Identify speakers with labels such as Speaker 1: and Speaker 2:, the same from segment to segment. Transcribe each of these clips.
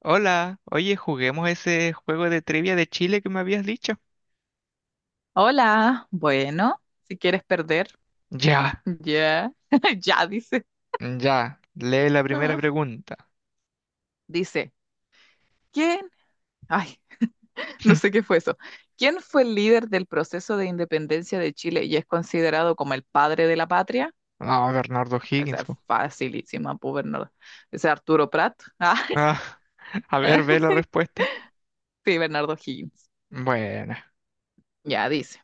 Speaker 1: Hola, oye, juguemos ese juego de trivia de Chile que me habías dicho.
Speaker 2: Hola, bueno, si quieres perder,
Speaker 1: Ya,
Speaker 2: ya, ya dice.
Speaker 1: ya, lee la primera
Speaker 2: Ah,
Speaker 1: pregunta.
Speaker 2: Dice, ¿quién? Ay, no sé qué fue eso. ¿Quién fue el líder del proceso de independencia de Chile y es considerado como el padre de la patria?
Speaker 1: Vamos, Bernardo
Speaker 2: O
Speaker 1: Higgins
Speaker 2: sea,
Speaker 1: po.
Speaker 2: facilísima, pues Bernardo. Ese Arturo Prat.
Speaker 1: Ah, a ver, ve la respuesta.
Speaker 2: Sí, Bernardo Higgins.
Speaker 1: Bueno,
Speaker 2: Ya dice.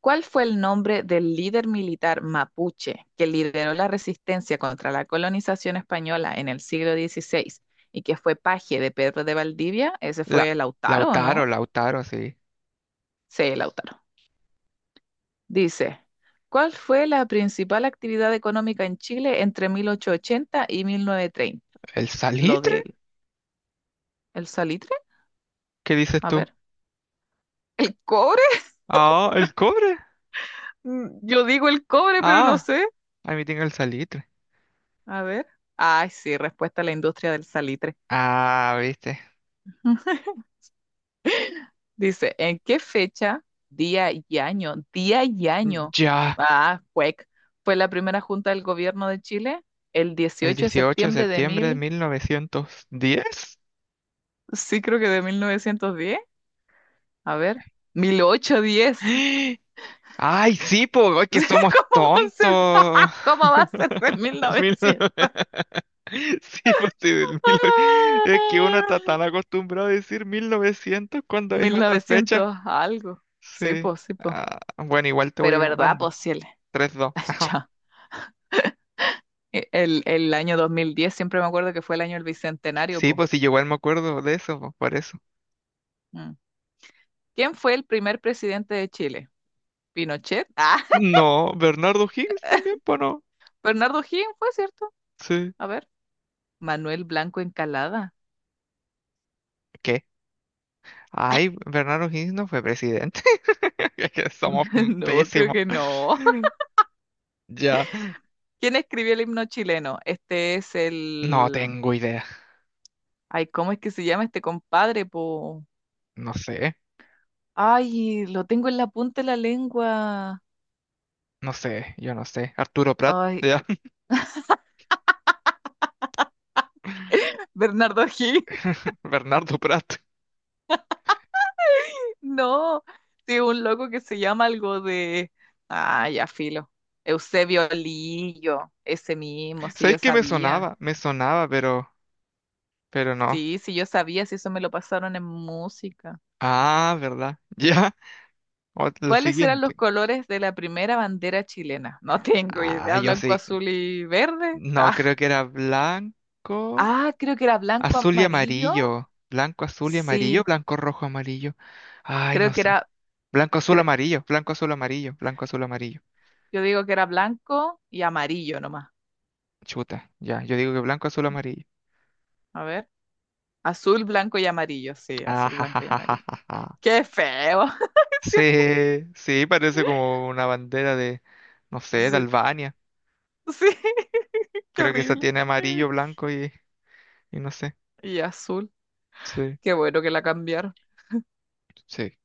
Speaker 2: ¿Cuál fue el nombre del líder militar mapuche que lideró la resistencia contra la colonización española en el siglo 16 y que fue paje de Pedro de Valdivia? ¿Ese
Speaker 1: la,
Speaker 2: fue Lautaro o
Speaker 1: Lautaro,
Speaker 2: no?
Speaker 1: Lautaro, sí.
Speaker 2: Sí, Lautaro. Dice, ¿cuál fue la principal actividad económica en Chile entre 1880 y 1930?
Speaker 1: ¿El
Speaker 2: ¿Lo
Speaker 1: salitre?
Speaker 2: del el salitre?
Speaker 1: ¿Qué dices
Speaker 2: A
Speaker 1: tú?
Speaker 2: ver. ¿El cobre?
Speaker 1: Ah, el cobre.
Speaker 2: Mm, yo digo el cobre, pero no
Speaker 1: Ah,
Speaker 2: sé.
Speaker 1: a mí tengo el salitre.
Speaker 2: A ver. Ay, sí, respuesta a la industria del salitre.
Speaker 1: Ah, viste.
Speaker 2: Dice, ¿en qué fecha, día y año, día y año?
Speaker 1: Ya,
Speaker 2: Ah, cuec. Fue la primera junta del gobierno de Chile el
Speaker 1: el
Speaker 2: 18 de
Speaker 1: 18 de
Speaker 2: septiembre de
Speaker 1: septiembre de
Speaker 2: mil,
Speaker 1: 1910.
Speaker 2: sí creo que de 1910. A ver, 1810.
Speaker 1: Ay, sí, pues, que somos
Speaker 2: ¿Cómo va a ser?
Speaker 1: tontos.
Speaker 2: ¿Cómo va a ser de
Speaker 1: Mil-
Speaker 2: 1900?
Speaker 1: Sí, pues sí, del mil. Es que uno está
Speaker 2: Ah,
Speaker 1: tan acostumbrado a decir 1900 cuando es otra fecha.
Speaker 2: 1900 algo. Sí,
Speaker 1: Sí.
Speaker 2: pues, sí, pues.
Speaker 1: Ah, bueno, igual te
Speaker 2: Pero
Speaker 1: voy
Speaker 2: verdad,
Speaker 1: ganando.
Speaker 2: pues, sí,
Speaker 1: 3-2. Ajá.
Speaker 2: ya. El año 2010, siempre me acuerdo que fue el año del bicentenario,
Speaker 1: Sí,
Speaker 2: pues.
Speaker 1: pues sí, yo igual me acuerdo de eso, pues, por eso.
Speaker 2: ¿Quién fue el primer presidente de Chile? ¿Pinochet?
Speaker 1: No, Bernardo Higgins también, pues no.
Speaker 2: Bernardo O'Higgins fue, ¿cierto?
Speaker 1: Sí.
Speaker 2: A ver, Manuel Blanco Encalada.
Speaker 1: ¿Qué? Ay, Bernardo Higgins no fue presidente. Es que somos
Speaker 2: No, creo
Speaker 1: pésimos.
Speaker 2: que no.
Speaker 1: Ya.
Speaker 2: ¿Quién escribió el himno chileno? Este es
Speaker 1: No
Speaker 2: el...
Speaker 1: tengo idea.
Speaker 2: Ay, ¿cómo es que se llama este compadre, po?
Speaker 1: No sé,
Speaker 2: Ay, lo tengo en la punta de la lengua.
Speaker 1: no sé, yo no sé. Arturo Prat,
Speaker 2: Ay,
Speaker 1: ya,
Speaker 2: Bernardo O'Higgins.
Speaker 1: Bernardo Prat.
Speaker 2: No, sí, un loco que se llama algo de... Ah, ya filo. Eusebio Lillo, ese mismo, si
Speaker 1: ¿Sabéis
Speaker 2: yo
Speaker 1: que me
Speaker 2: sabía.
Speaker 1: sonaba? Me sonaba, pero no.
Speaker 2: Sí, sí, yo sabía, si eso me lo pasaron en música.
Speaker 1: Ah, ¿verdad? Ya, el
Speaker 2: ¿Cuáles eran los
Speaker 1: siguiente.
Speaker 2: colores de la primera bandera chilena? No tengo
Speaker 1: Ah,
Speaker 2: idea,
Speaker 1: yo
Speaker 2: blanco,
Speaker 1: sí.
Speaker 2: azul y verde.
Speaker 1: No, creo que era blanco,
Speaker 2: Ah, creo que era blanco,
Speaker 1: azul y
Speaker 2: amarillo.
Speaker 1: amarillo. Blanco, azul y amarillo,
Speaker 2: Sí,
Speaker 1: blanco, rojo, amarillo. Ay,
Speaker 2: creo
Speaker 1: no
Speaker 2: que
Speaker 1: sé.
Speaker 2: era,
Speaker 1: Blanco, azul,
Speaker 2: cre-
Speaker 1: amarillo, blanco, azul, amarillo, blanco, azul, amarillo.
Speaker 2: yo digo que era blanco y amarillo nomás.
Speaker 1: Chuta, ya, yo digo que blanco, azul, amarillo.
Speaker 2: A ver, azul, blanco y amarillo. Sí,
Speaker 1: Ah,
Speaker 2: azul,
Speaker 1: ja, ja,
Speaker 2: blanco y
Speaker 1: ja, ja,
Speaker 2: amarillo.
Speaker 1: ja, ja.
Speaker 2: ¡Qué feo! Sí,
Speaker 1: Sí, sí, parece como una bandera de, no sé, de
Speaker 2: sí,
Speaker 1: Albania.
Speaker 2: sí, qué
Speaker 1: Creo que esa
Speaker 2: horrible.
Speaker 1: tiene amarillo, blanco y no sé.
Speaker 2: Y azul,
Speaker 1: Sí,
Speaker 2: qué bueno que la cambiaron.
Speaker 1: sí.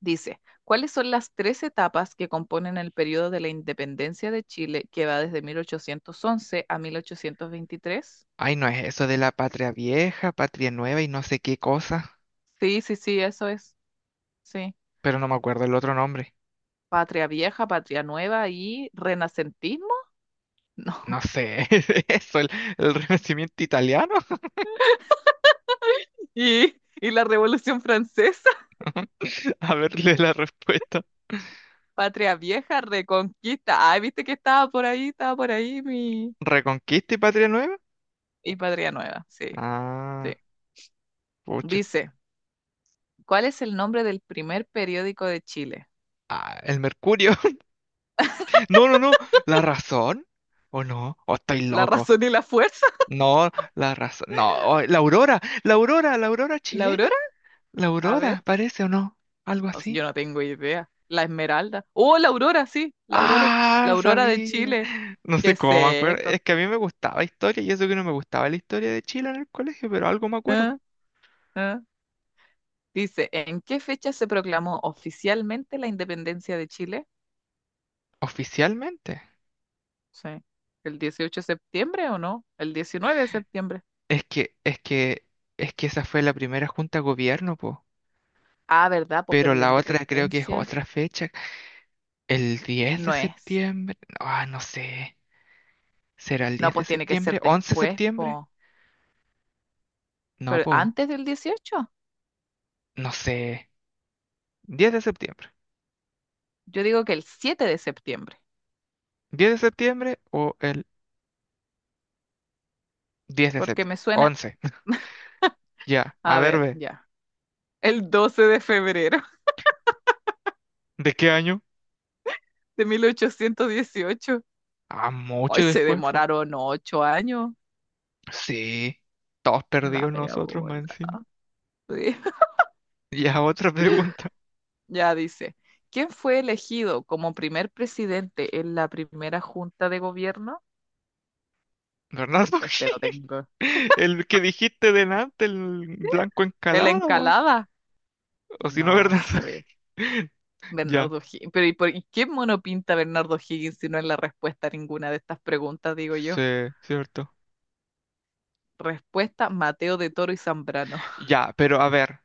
Speaker 2: Dice, ¿cuáles son las tres etapas que componen el periodo de la independencia de Chile que va desde 1811 a 1823?
Speaker 1: Ay, no es eso de la patria vieja, patria nueva y no sé qué cosa,
Speaker 2: Sí, sí, sí, eso es. Sí.
Speaker 1: pero no me acuerdo el otro nombre.
Speaker 2: Patria vieja, patria nueva y renacentismo. No.
Speaker 1: No sé, eso, el renacimiento italiano.
Speaker 2: Y, y la Revolución Francesa.
Speaker 1: A verle la respuesta.
Speaker 2: Patria vieja, reconquista. Ay, viste que estaba por ahí mi...
Speaker 1: ¿Reconquista y patria nueva?
Speaker 2: Y patria nueva, sí,
Speaker 1: Ah,
Speaker 2: sí.
Speaker 1: pucha.
Speaker 2: Dice, ¿cuál es el nombre del primer periódico de Chile?
Speaker 1: Ah, el Mercurio. No, no, no. ¿La razón? ¿O no? ¿O estoy
Speaker 2: ¿La
Speaker 1: loco?
Speaker 2: razón y la fuerza?
Speaker 1: No, la raza. No, oh, la aurora, la aurora, la aurora
Speaker 2: ¿La
Speaker 1: chilena.
Speaker 2: aurora?
Speaker 1: La
Speaker 2: A
Speaker 1: aurora,
Speaker 2: ver.
Speaker 1: parece o no. Algo
Speaker 2: No,
Speaker 1: así.
Speaker 2: yo no tengo idea. La Esmeralda. Oh, la Aurora, sí. La
Speaker 1: Ah,
Speaker 2: Aurora de
Speaker 1: sabía.
Speaker 2: Chile.
Speaker 1: No
Speaker 2: Qué
Speaker 1: sé cómo me acuerdo.
Speaker 2: seco.
Speaker 1: Es que a mí me gustaba historia y eso que no me gustaba la historia de Chile en el colegio, pero algo me acuerdo.
Speaker 2: Ah, ah. Dice, ¿en qué fecha se proclamó oficialmente la independencia de Chile?
Speaker 1: Oficialmente.
Speaker 2: Sí. ¿El 18 de septiembre o no? El 19 de septiembre.
Speaker 1: Es que, es que, es que esa fue la primera junta de gobierno, po.
Speaker 2: Ah, ¿verdad? Pues,
Speaker 1: Pero
Speaker 2: pero la
Speaker 1: la otra creo que es
Speaker 2: independencia
Speaker 1: otra fecha. El 10 de
Speaker 2: no es.
Speaker 1: septiembre. Ah, no sé. ¿Será el
Speaker 2: No,
Speaker 1: 10 de
Speaker 2: pues tiene que
Speaker 1: septiembre?
Speaker 2: ser
Speaker 1: ¿Once de
Speaker 2: después,
Speaker 1: septiembre?
Speaker 2: pues.
Speaker 1: No,
Speaker 2: Pero
Speaker 1: po.
Speaker 2: antes del dieciocho.
Speaker 1: No sé. 10 de septiembre.
Speaker 2: Yo digo que el 7 de septiembre,
Speaker 1: 10 de septiembre o el 10 de
Speaker 2: porque me
Speaker 1: septiembre.
Speaker 2: suena.
Speaker 1: 11. Ya, a
Speaker 2: A
Speaker 1: ver,
Speaker 2: ver,
Speaker 1: ve.
Speaker 2: ya. El 12 de febrero
Speaker 1: ¿De qué año?
Speaker 2: de 1818.
Speaker 1: Ah,
Speaker 2: Hoy
Speaker 1: mucho
Speaker 2: se
Speaker 1: después, pues.
Speaker 2: demoraron ocho años.
Speaker 1: Sí, todos
Speaker 2: La
Speaker 1: perdidos
Speaker 2: media
Speaker 1: nosotros más
Speaker 2: bola.
Speaker 1: encima.
Speaker 2: Sí.
Speaker 1: Ya, otra pregunta.
Speaker 2: Ya dice, ¿quién fue elegido como primer presidente en la primera junta de gobierno?
Speaker 1: Bernardo,
Speaker 2: Este lo tengo.
Speaker 1: el que dijiste delante, el blanco
Speaker 2: ¿El
Speaker 1: encalado, po.
Speaker 2: Encalada?
Speaker 1: O si
Speaker 2: No
Speaker 1: no, Bernardo.
Speaker 2: sé.
Speaker 1: Ya,
Speaker 2: Bernardo Higgins. Pero ¿y, y qué mono pinta Bernardo Higgins si no es la respuesta a ninguna de estas preguntas, digo yo?
Speaker 1: sí, cierto.
Speaker 2: Respuesta, Mateo de Toro y Zambrano.
Speaker 1: Ya, pero a ver,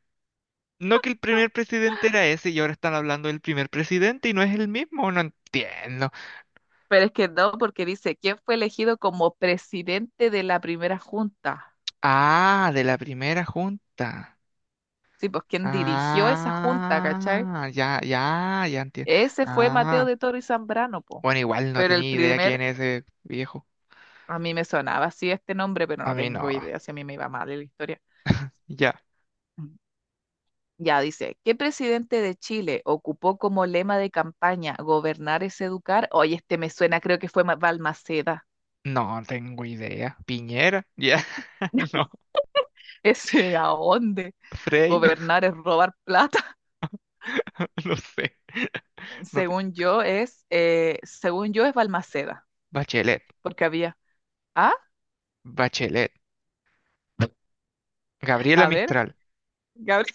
Speaker 1: no que el primer presidente era ese y ahora están hablando del primer presidente y no es el mismo, no entiendo.
Speaker 2: Pero es que no, porque dice, ¿quién fue elegido como presidente de la primera junta?
Speaker 1: Ah, de la primera junta.
Speaker 2: Sí, pues quien dirigió esa junta, ¿cachai?
Speaker 1: Ah, ya, ya, ya entiendo.
Speaker 2: Ese fue Mateo
Speaker 1: Ah,
Speaker 2: de Toro y Zambrano, po.
Speaker 1: bueno, igual no
Speaker 2: Pero
Speaker 1: tenía idea quién es ese viejo.
Speaker 2: a mí me sonaba así este nombre, pero
Speaker 1: A
Speaker 2: no
Speaker 1: mí no.
Speaker 2: tengo idea si a mí me iba mal en la historia.
Speaker 1: Ya.
Speaker 2: Mm. Ya dice, ¿qué presidente de Chile ocupó como lema de campaña gobernar es educar? Oye, este me suena, creo que fue Balmaceda.
Speaker 1: No tengo idea. Piñera. Ya. No.
Speaker 2: Ese, ¿a dónde?
Speaker 1: Frey.
Speaker 2: Gobernar es robar plata.
Speaker 1: No sé. No te-
Speaker 2: Según yo es Balmaceda,
Speaker 1: Bachelet.
Speaker 2: porque había. Ah,
Speaker 1: Bachelet. Gabriela
Speaker 2: a ver,
Speaker 1: Mistral.
Speaker 2: Gabriel.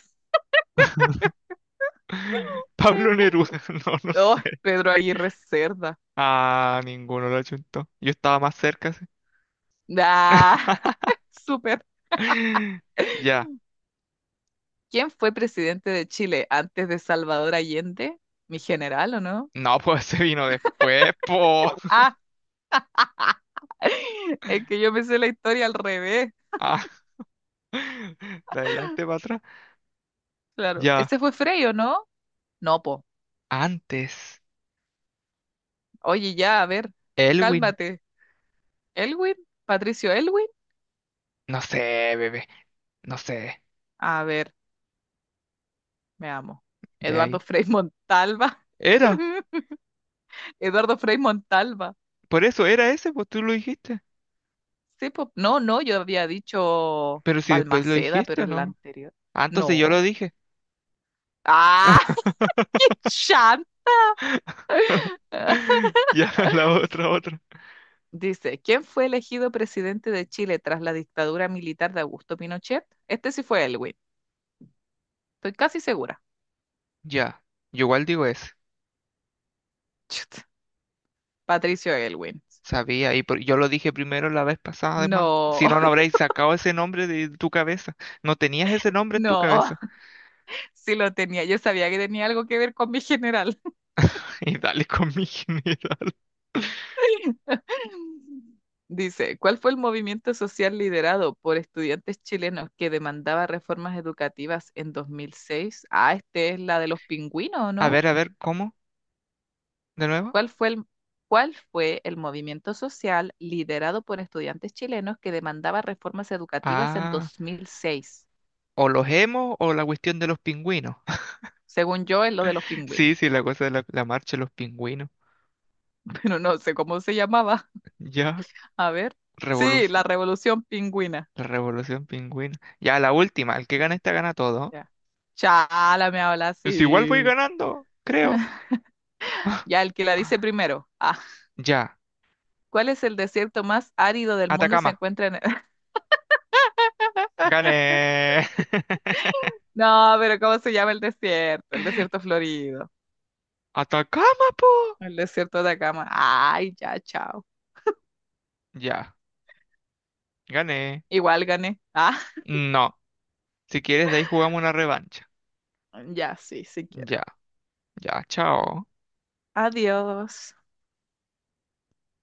Speaker 1: Pablo Neruda. No, no
Speaker 2: Oh,
Speaker 1: sé.
Speaker 2: Pedro Aguirre Cerda.
Speaker 1: Ah, ninguno lo achuntó. Yo estaba más cerca. Sí.
Speaker 2: Ah, súper.
Speaker 1: Ya.
Speaker 2: ¿Quién fue presidente de Chile antes de Salvador Allende? ¿Mi general o no?
Speaker 1: No, pues se vino después, po.
Speaker 2: Ah, es que yo me sé la historia al revés.
Speaker 1: Ah, de adelante para atrás.
Speaker 2: Claro.
Speaker 1: Ya,
Speaker 2: ¿Ese fue Frei o no? No, po.
Speaker 1: antes.
Speaker 2: Oye, ya, a ver.
Speaker 1: Elwin.
Speaker 2: Cálmate. ¿Elwin? ¿Patricio Elwin?
Speaker 1: No sé, bebé. No sé.
Speaker 2: A ver, me amo.
Speaker 1: Ve
Speaker 2: Eduardo
Speaker 1: ahí.
Speaker 2: Frei Montalva.
Speaker 1: Era.
Speaker 2: Eduardo Frei Montalva.
Speaker 1: Por eso era ese, pues tú lo dijiste.
Speaker 2: Sí, po. No, yo había dicho
Speaker 1: Pero si después lo
Speaker 2: Balmaceda,
Speaker 1: dijiste
Speaker 2: pero
Speaker 1: o
Speaker 2: en la
Speaker 1: no.
Speaker 2: anterior.
Speaker 1: Ah, entonces yo lo
Speaker 2: No.
Speaker 1: dije.
Speaker 2: ¡Ah! ¡Qué chanta!
Speaker 1: Ya, la otra, otra.
Speaker 2: Dice, ¿quién fue elegido presidente de Chile tras la dictadura militar de Augusto Pinochet? Este sí fue Elwin, estoy casi segura.
Speaker 1: Ya. Yo igual digo ese.
Speaker 2: Chut, Patricio Elwin.
Speaker 1: Sabía. Y por- yo lo dije primero la vez pasada, además.
Speaker 2: No,
Speaker 1: Si no, no habréis sacado ese nombre de tu cabeza. No tenías ese nombre en tu
Speaker 2: no,
Speaker 1: cabeza.
Speaker 2: sí lo tenía, yo sabía que tenía algo que ver con mi general.
Speaker 1: Y dale con mi general.
Speaker 2: Dice, ¿cuál fue el movimiento social liderado por estudiantes chilenos que demandaba reformas educativas en 2006? Ah, este es la de los pingüinos, ¿no?
Speaker 1: A ver, ¿cómo? ¿De nuevo?
Speaker 2: ¿Cuál fue el, ¿cuál fue el movimiento social liderado por estudiantes chilenos que demandaba reformas educativas en
Speaker 1: Ah,
Speaker 2: 2006?
Speaker 1: o los hemos o la cuestión de los pingüinos.
Speaker 2: Según yo, es lo de los pingüinos,
Speaker 1: Sí, sí, la cosa de la marcha de los pingüinos.
Speaker 2: pero no sé cómo se llamaba.
Speaker 1: Ya,
Speaker 2: A ver. Sí, la
Speaker 1: revolución,
Speaker 2: Revolución Pingüina.
Speaker 1: la revolución pingüina. Ya, la última, el que gana esta gana todo.
Speaker 2: Ya. Chala, me habla
Speaker 1: Pues igual voy
Speaker 2: así.
Speaker 1: ganando, creo.
Speaker 2: Ya, el que la dice primero. Ah,
Speaker 1: Ya,
Speaker 2: ¿cuál es el desierto más árido del mundo y se
Speaker 1: Atacama.
Speaker 2: encuentra en...
Speaker 1: Gané.
Speaker 2: No, pero ¿cómo se llama el desierto? El desierto florido.
Speaker 1: Atacama, po.
Speaker 2: El desierto de Atacama. Ay, ya, chao.
Speaker 1: Ya, gané.
Speaker 2: Igual gané. Ah.
Speaker 1: No, si quieres de ahí jugamos una revancha.
Speaker 2: Ya, sí, sí
Speaker 1: Ya,
Speaker 2: quiero.
Speaker 1: ya, chao.
Speaker 2: Adiós.